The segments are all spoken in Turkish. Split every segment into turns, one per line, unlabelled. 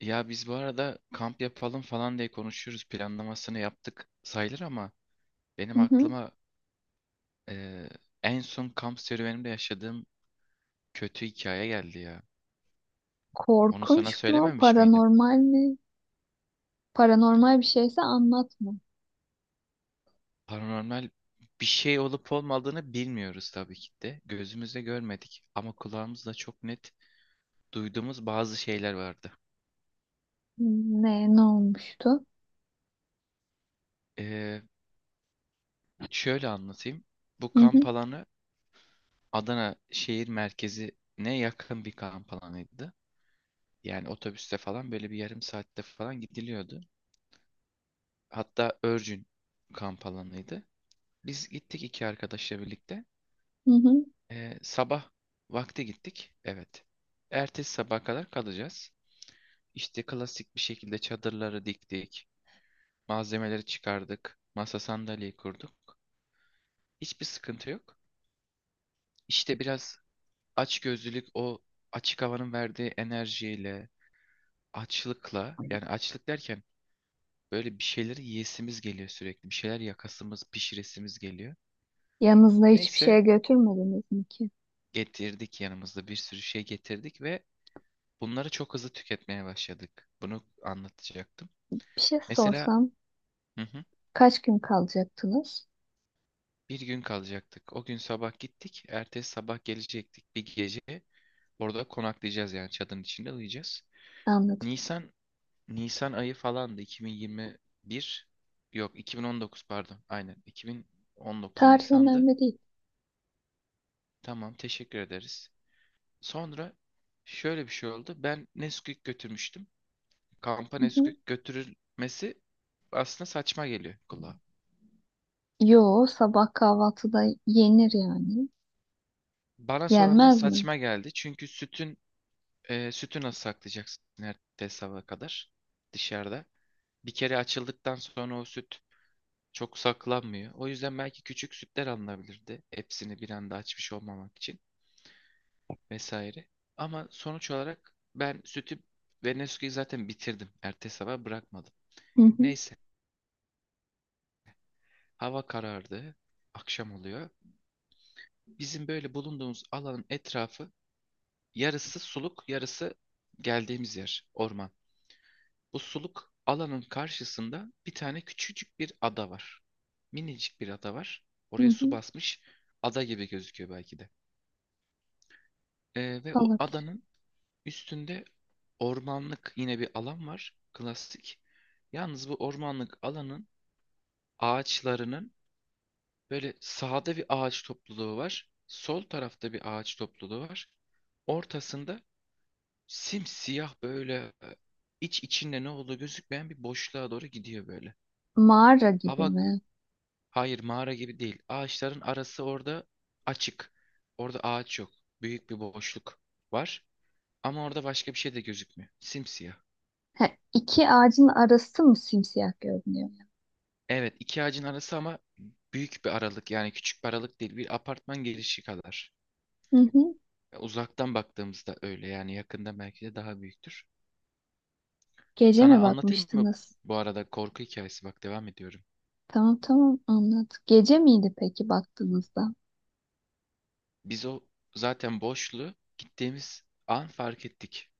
Ya biz bu arada kamp yapalım falan diye konuşuyoruz. Planlamasını yaptık sayılır ama benim
Hı hı.
aklıma eee, en son kamp serüvenimde yaşadığım kötü hikaye geldi ya. Onu sana
Korkunç mu?
söylememiş miydim?
Paranormal mi? Paranormal bir şeyse anlatma.
Paranormal bir şey olup olmadığını bilmiyoruz tabii ki de. Gözümüzle görmedik ama kulağımızla çok net duyduğumuz bazı şeyler vardı.
Ne olmuştu?
Eee, Şöyle anlatayım. Bu
Hı
kamp
hı,
alanı Adana şehir merkezine yakın bir kamp alanıydı. Yani otobüste falan böyle bir yarım saatte falan gidiliyordu. Hatta örgün kamp alanıydı. Biz gittik iki arkadaşla birlikte.
hı hı.
Sabah vakti gittik. Evet. Ertesi sabaha kadar kalacağız. İşte klasik bir şekilde çadırları diktik. Malzemeleri çıkardık. Masa sandalyeyi kurduk. Hiçbir sıkıntı yok. İşte biraz açgözlülük o açık havanın verdiği enerjiyle, açlıkla, yani açlık derken, böyle bir şeyleri yiyesimiz geliyor sürekli. Bir şeyler yakasımız, pişiresimiz geliyor.
Yanınızda hiçbir
Neyse,
şeye götürmediniz mi ki?
getirdik yanımızda, bir sürü şey getirdik ve bunları çok hızlı tüketmeye başladık. Bunu anlatacaktım.
Bir şey
Mesela,
sorsam
hı hı,
kaç gün kalacaktınız?
bir gün kalacaktık. O gün sabah gittik. Ertesi sabah gelecektik. Bir gece orada konaklayacağız, yani çadırın içinde uyuyacağız.
Anladım.
Nisan Nisan ayı falandı, 2021, yok 2019 pardon, aynen, 2019
Tarih
Nisan'dı.
önemli değil.
Tamam teşekkür ederiz. Sonra şöyle bir şey oldu. Ben Nesquik götürmüştüm. Kampa
Hı hı.
Nesquik götürülmesi aslında saçma geliyor kulağa.
Yo, sabah kahvaltıda yenir yani.
Bana sonradan
Yenmez mi?
saçma geldi. Çünkü sütün, sütü nasıl saklayacaksın ertesi sabaha kadar dışarıda? Bir kere açıldıktan sonra o süt çok saklanmıyor. O yüzden belki küçük sütler alınabilirdi. Hepsini bir anda açmış olmamak için vesaire. Ama sonuç olarak ben sütü ve Nesquik'i zaten bitirdim. Ertesi sabah bırakmadım.
Hı hı,
Neyse. Hava karardı. Akşam oluyor. Bizim böyle bulunduğumuz alanın etrafı, yarısı suluk, yarısı geldiğimiz yer, orman. Bu suluk alanın karşısında bir tane küçücük bir ada var. Minicik bir ada var.
hı
Oraya su
hı.
basmış. Ada gibi gözüküyor belki de. Ve o
Olabilir.
adanın üstünde ormanlık yine bir alan var. Klasik. Yalnız bu ormanlık alanın ağaçlarının, böyle sağda bir ağaç topluluğu var. Sol tarafta bir ağaç topluluğu var. Ortasında simsiyah böyle, iç içinde ne olduğu gözükmeyen bir boşluğa doğru gidiyor böyle.
Mağara gibi
Hava,
mi?
hayır mağara gibi değil. Ağaçların arası orada açık. Orada ağaç yok. Büyük bir boşluk var. Ama orada başka bir şey de gözükmüyor. Simsiyah.
Ha, iki ağacın arası mı simsiyah görünüyor?
Evet, iki ağacın arası ama büyük bir aralık, yani küçük bir aralık değil. Bir apartman girişi kadar.
Hı hı.
Uzaktan baktığımızda öyle yani, yakında belki de daha büyüktür.
Gece
Sana
mi
anlatayım mı,
bakmıştınız?
bu arada korku hikayesi bak, devam ediyorum.
Tamam tamam anladım. Gece miydi peki baktığınızda?
Biz o, zaten boşluğu gittiğimiz an fark ettik.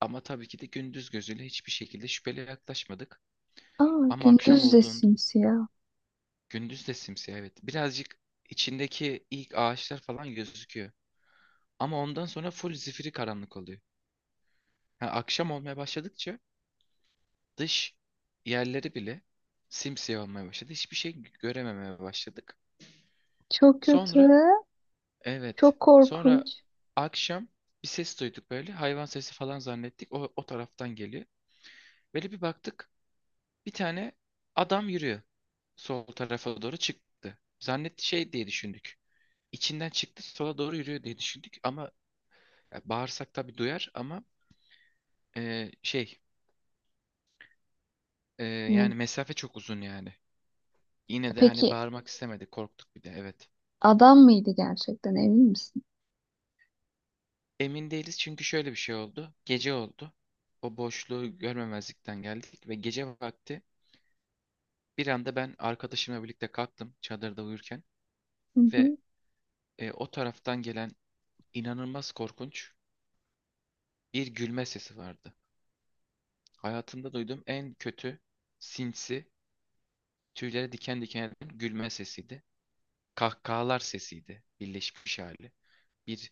Ama tabii ki de gündüz gözüyle hiçbir şekilde şüpheli yaklaşmadık.
Aa
Ama akşam
gündüz de
olduğunda,
simsiyah.
gündüz de simsiyah evet. Birazcık içindeki ilk ağaçlar falan gözüküyor. Ama ondan sonra full zifiri karanlık oluyor. Ha, akşam olmaya başladıkça dış yerleri bile simsiyah olmaya başladı. Hiçbir şey görememeye başladık.
Çok kötü.
Sonra evet.
Çok
Sonra
korkunç.
akşam bir ses duyduk böyle. Hayvan sesi falan zannettik. O taraftan geliyor. Böyle bir baktık. Bir tane adam yürüyor. Sol tarafa doğru çıktı. Zannetti, şey diye düşündük. İçinden çıktı sola doğru yürüyor diye düşündük. Ama ya, bağırsak tabii duyar ama e, şey yani
Ne?
mesafe çok uzun yani. Yine de hani
Peki
bağırmak istemedik. Korktuk bir de, evet.
adam mıydı gerçekten emin misin?
Emin değiliz çünkü şöyle bir şey oldu. Gece oldu. O boşluğu görmemezlikten geldik ve gece vakti bir anda ben arkadaşımla birlikte kalktım çadırda uyurken
Hı
ve
hı.
o taraftan gelen inanılmaz korkunç bir gülme sesi vardı. Hayatımda duyduğum en kötü, sinsi, tüylere diken diken eden gülme sesiydi. Kahkahalar sesiydi, birleşmiş hali. Bir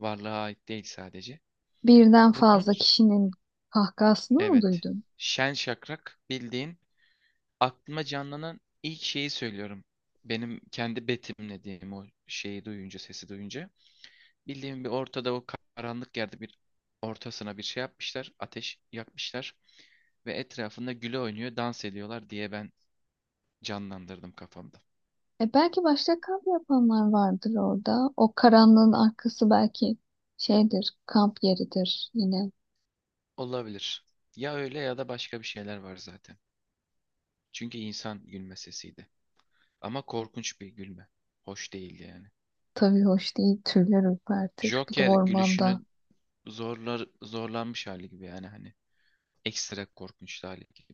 varlığa ait değil sadece.
Birden
Bunu,
fazla kişinin kahkahasını mı
evet,
duydun?
şen şakrak, bildiğin aklıma canlanan ilk şeyi söylüyorum. Benim kendi betimlediğim o şeyi duyunca, sesi duyunca. Bildiğim bir ortada, o karanlık yerde bir ortasına bir şey yapmışlar. Ateş yakmışlar. Ve etrafında güle oynuyor, dans ediyorlar diye ben canlandırdım kafamda.
E belki başka kamp yapanlar vardır orada. O karanlığın arkası belki şeydir, kamp yeridir. Yine
Olabilir. Ya öyle ya da başka bir şeyler var zaten. Çünkü insan gülme sesiydi. Ama korkunç bir gülme. Hoş değildi yani.
tabii hoş değil, tüyler ürpertir. Bir de
Joker
ormanda.
gülüşünün zorlanmış hali gibi, yani hani ekstra korkunç hali gibi.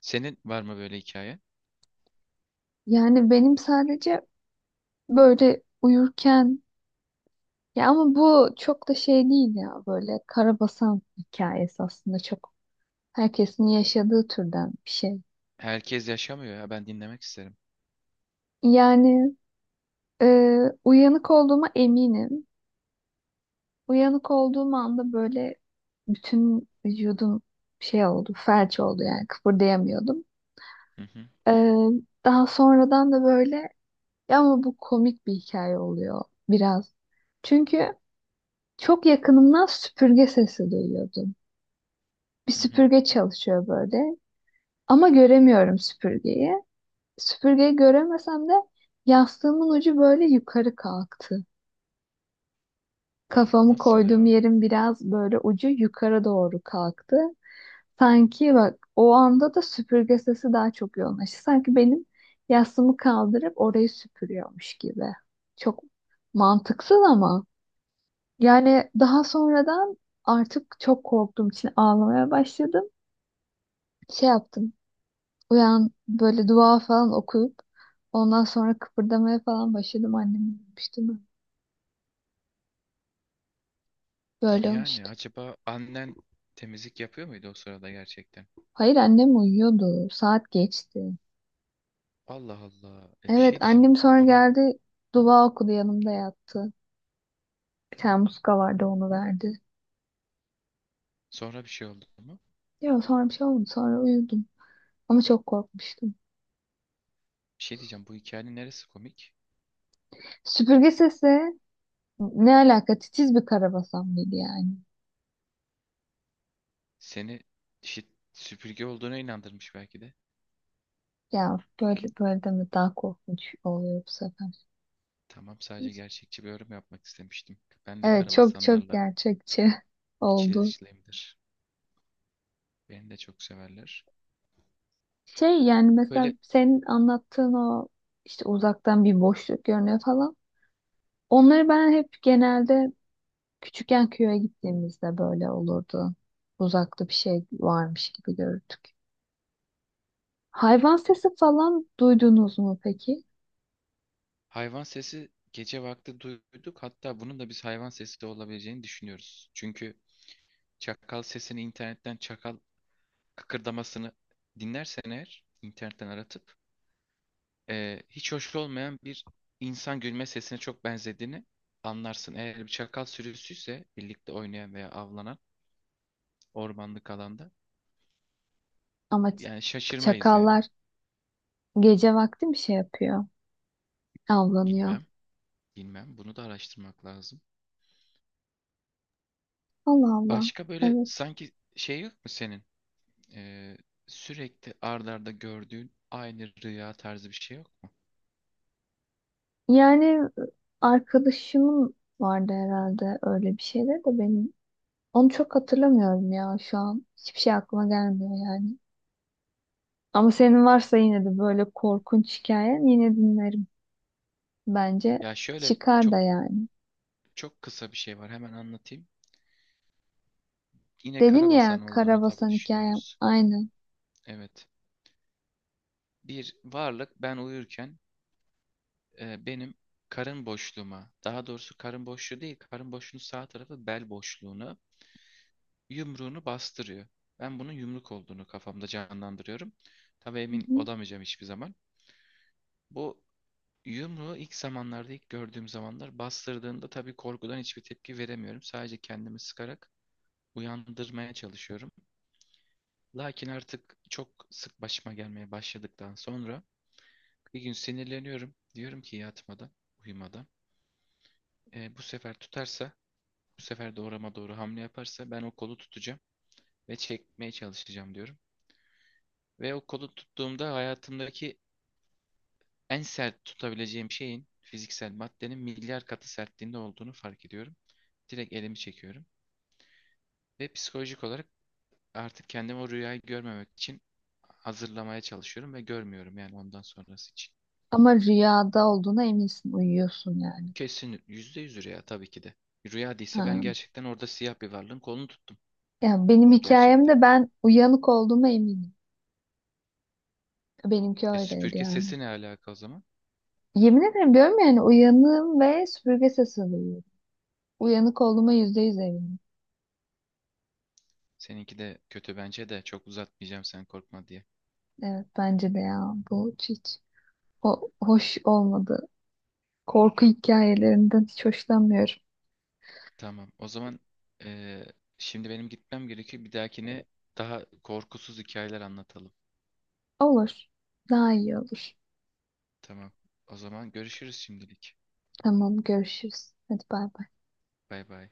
Senin var mı böyle hikaye?
Yani benim sadece böyle uyurken. Ya ama bu çok da şey değil ya, böyle karabasan hikayesi aslında çok herkesin yaşadığı türden bir şey.
Herkes yaşamıyor ya, ben dinlemek isterim.
Yani e, uyanık olduğuma eminim. Uyanık olduğum anda böyle bütün vücudum şey oldu, felç oldu yani kıpırdayamıyordum.
Hı hı,
E, daha sonradan da böyle ya ama bu komik bir hikaye oluyor biraz. Çünkü çok yakınımdan süpürge sesi duyuyordum. Bir
hı hı.
süpürge çalışıyor böyle. Ama göremiyorum süpürgeyi. Süpürgeyi göremesem de yastığımın ucu böyle yukarı kalktı. Kafamı
Nasıl
koyduğum
ya?
yerin biraz böyle ucu yukarı doğru kalktı. Sanki bak o anda da süpürge sesi daha çok yoğunlaştı. Sanki benim yastığımı kaldırıp orayı süpürüyormuş gibi. Çok mantıksız ama. Yani daha sonradan artık çok korktuğum için ağlamaya başladım. Şey yaptım. Uyan böyle dua falan okuyup ondan sonra kıpırdamaya falan başladım, annemi uyumuş değil. Böyle
Yani
olmuştu.
acaba annen temizlik yapıyor muydu o sırada gerçekten?
Hayır, annem uyuyordu. Saat geçti.
Allah Allah. E bir
Evet,
şey diyeceğim. Bu,
annem sonra
bunun
geldi, dua okudu, yanımda yattı. Bir tane muska vardı, onu verdi.
sonra bir şey oldu mu?
Ya sonra bir şey olmadı, sonra uyudum. Ama çok korkmuştum.
Bir şey diyeceğim. Bu hikayenin neresi komik?
Süpürge sesi ne alaka, titiz bir karabasan mıydı yani?
Seni, işte, süpürge olduğuna inandırmış belki de.
Ya böyle böyle deme, daha korkunç oluyor bu sefer.
Tamam, sadece gerçekçi bir yorum yapmak istemiştim. Ben de
Evet, çok çok
karabasanlarla
gerçekçi
içli
oldu.
dışlıyımdır. Beni de çok severler.
Şey yani
Böyle
mesela senin anlattığın o işte uzaktan bir boşluk görünüyor falan. Onları ben hep genelde küçükken köye gittiğimizde böyle olurdu. Uzakta bir şey varmış gibi görürdük. Hayvan sesi falan duydunuz mu peki?
hayvan sesi gece vakti duyduk. Hatta bunun da biz hayvan sesi de olabileceğini düşünüyoruz. Çünkü çakal sesini internetten, çakal kıkırdamasını dinlersen eğer internetten aratıp, hiç hoş olmayan bir insan gülme sesine çok benzediğini anlarsın. Eğer bir çakal sürüsüyse birlikte oynayan veya avlanan ormanlık alanda,
Ama
yani şaşırmayız yani.
çakallar gece vakti bir şey yapıyor? Avlanıyor.
Bilmem, bilmem. Bunu da araştırmak lazım.
Allah Allah.
Başka böyle
Evet.
sanki şey yok mu senin? Ee, Sürekli ard arda gördüğün aynı rüya tarzı bir şey yok mu?
Yani arkadaşımın vardı herhalde, öyle bir şeyler de benim. Onu çok hatırlamıyorum ya şu an. Hiçbir şey aklıma gelmiyor yani. Ama senin varsa yine de böyle korkunç hikayen, yine dinlerim. Bence
Ya şöyle
çıkar da
çok
yani.
çok kısa bir şey var, hemen anlatayım. Yine
Dedin
karabasan
ya,
olduğunu tabii
karabasan hikayem
düşünüyoruz.
aynı.
Evet. Bir varlık ben uyurken benim karın boşluğuma, daha doğrusu karın boşluğu değil, karın boşluğunun sağ tarafı bel boşluğunu, yumruğunu bastırıyor. Ben bunun yumruk olduğunu kafamda canlandırıyorum. Tabii
Hı
emin
hı.
olamayacağım hiçbir zaman. Bu yumruğu ilk zamanlarda, ilk gördüğüm zamanlar bastırdığında, tabii korkudan hiçbir tepki veremiyorum. Sadece kendimi sıkarak uyandırmaya çalışıyorum. Lakin artık çok sık başıma gelmeye başladıktan sonra bir gün sinirleniyorum. Diyorum ki yatmadan, uyumadan, "E, bu sefer tutarsa, bu sefer doğrama doğru hamle yaparsa ben o kolu tutacağım ve çekmeye çalışacağım," diyorum. Ve o kolu tuttuğumda hayatımdaki en sert tutabileceğim şeyin, fiziksel maddenin milyar katı sertliğinde olduğunu fark ediyorum. Direkt elimi çekiyorum. Ve psikolojik olarak artık kendimi o rüyayı görmemek için hazırlamaya çalışıyorum ve görmüyorum yani ondan sonrası için.
Ama rüyada olduğuna eminsin, uyuyorsun yani.
Kesin %100 rüya tabii ki de. Rüya değilse ben
Ha.
gerçekten orada siyah bir varlığın kolunu tuttum
Ya benim
gerçekte.
hikayemde ben uyanık olduğuma eminim. Benimki
E
öyleydi
süpürge
yani.
sesi ne alaka o zaman?
Yemin ederim diyorum yani uyanığım ve süpürge sesi duyuyorum. Uyanık olduğuma yüzde yüz eminim.
Seninki de kötü bence de, çok uzatmayacağım sen korkma diye.
Evet bence de, ya bu hiç. O hoş olmadı. Korku hikayelerinden hiç hoşlanmıyorum.
Tamam o zaman, e, şimdi benim gitmem gerekiyor. Bir dahakine daha korkusuz hikayeler anlatalım.
Olur. Daha iyi olur.
Tamam o zaman, görüşürüz şimdilik.
Tamam, görüşürüz. Hadi bay bay.
Bay bay.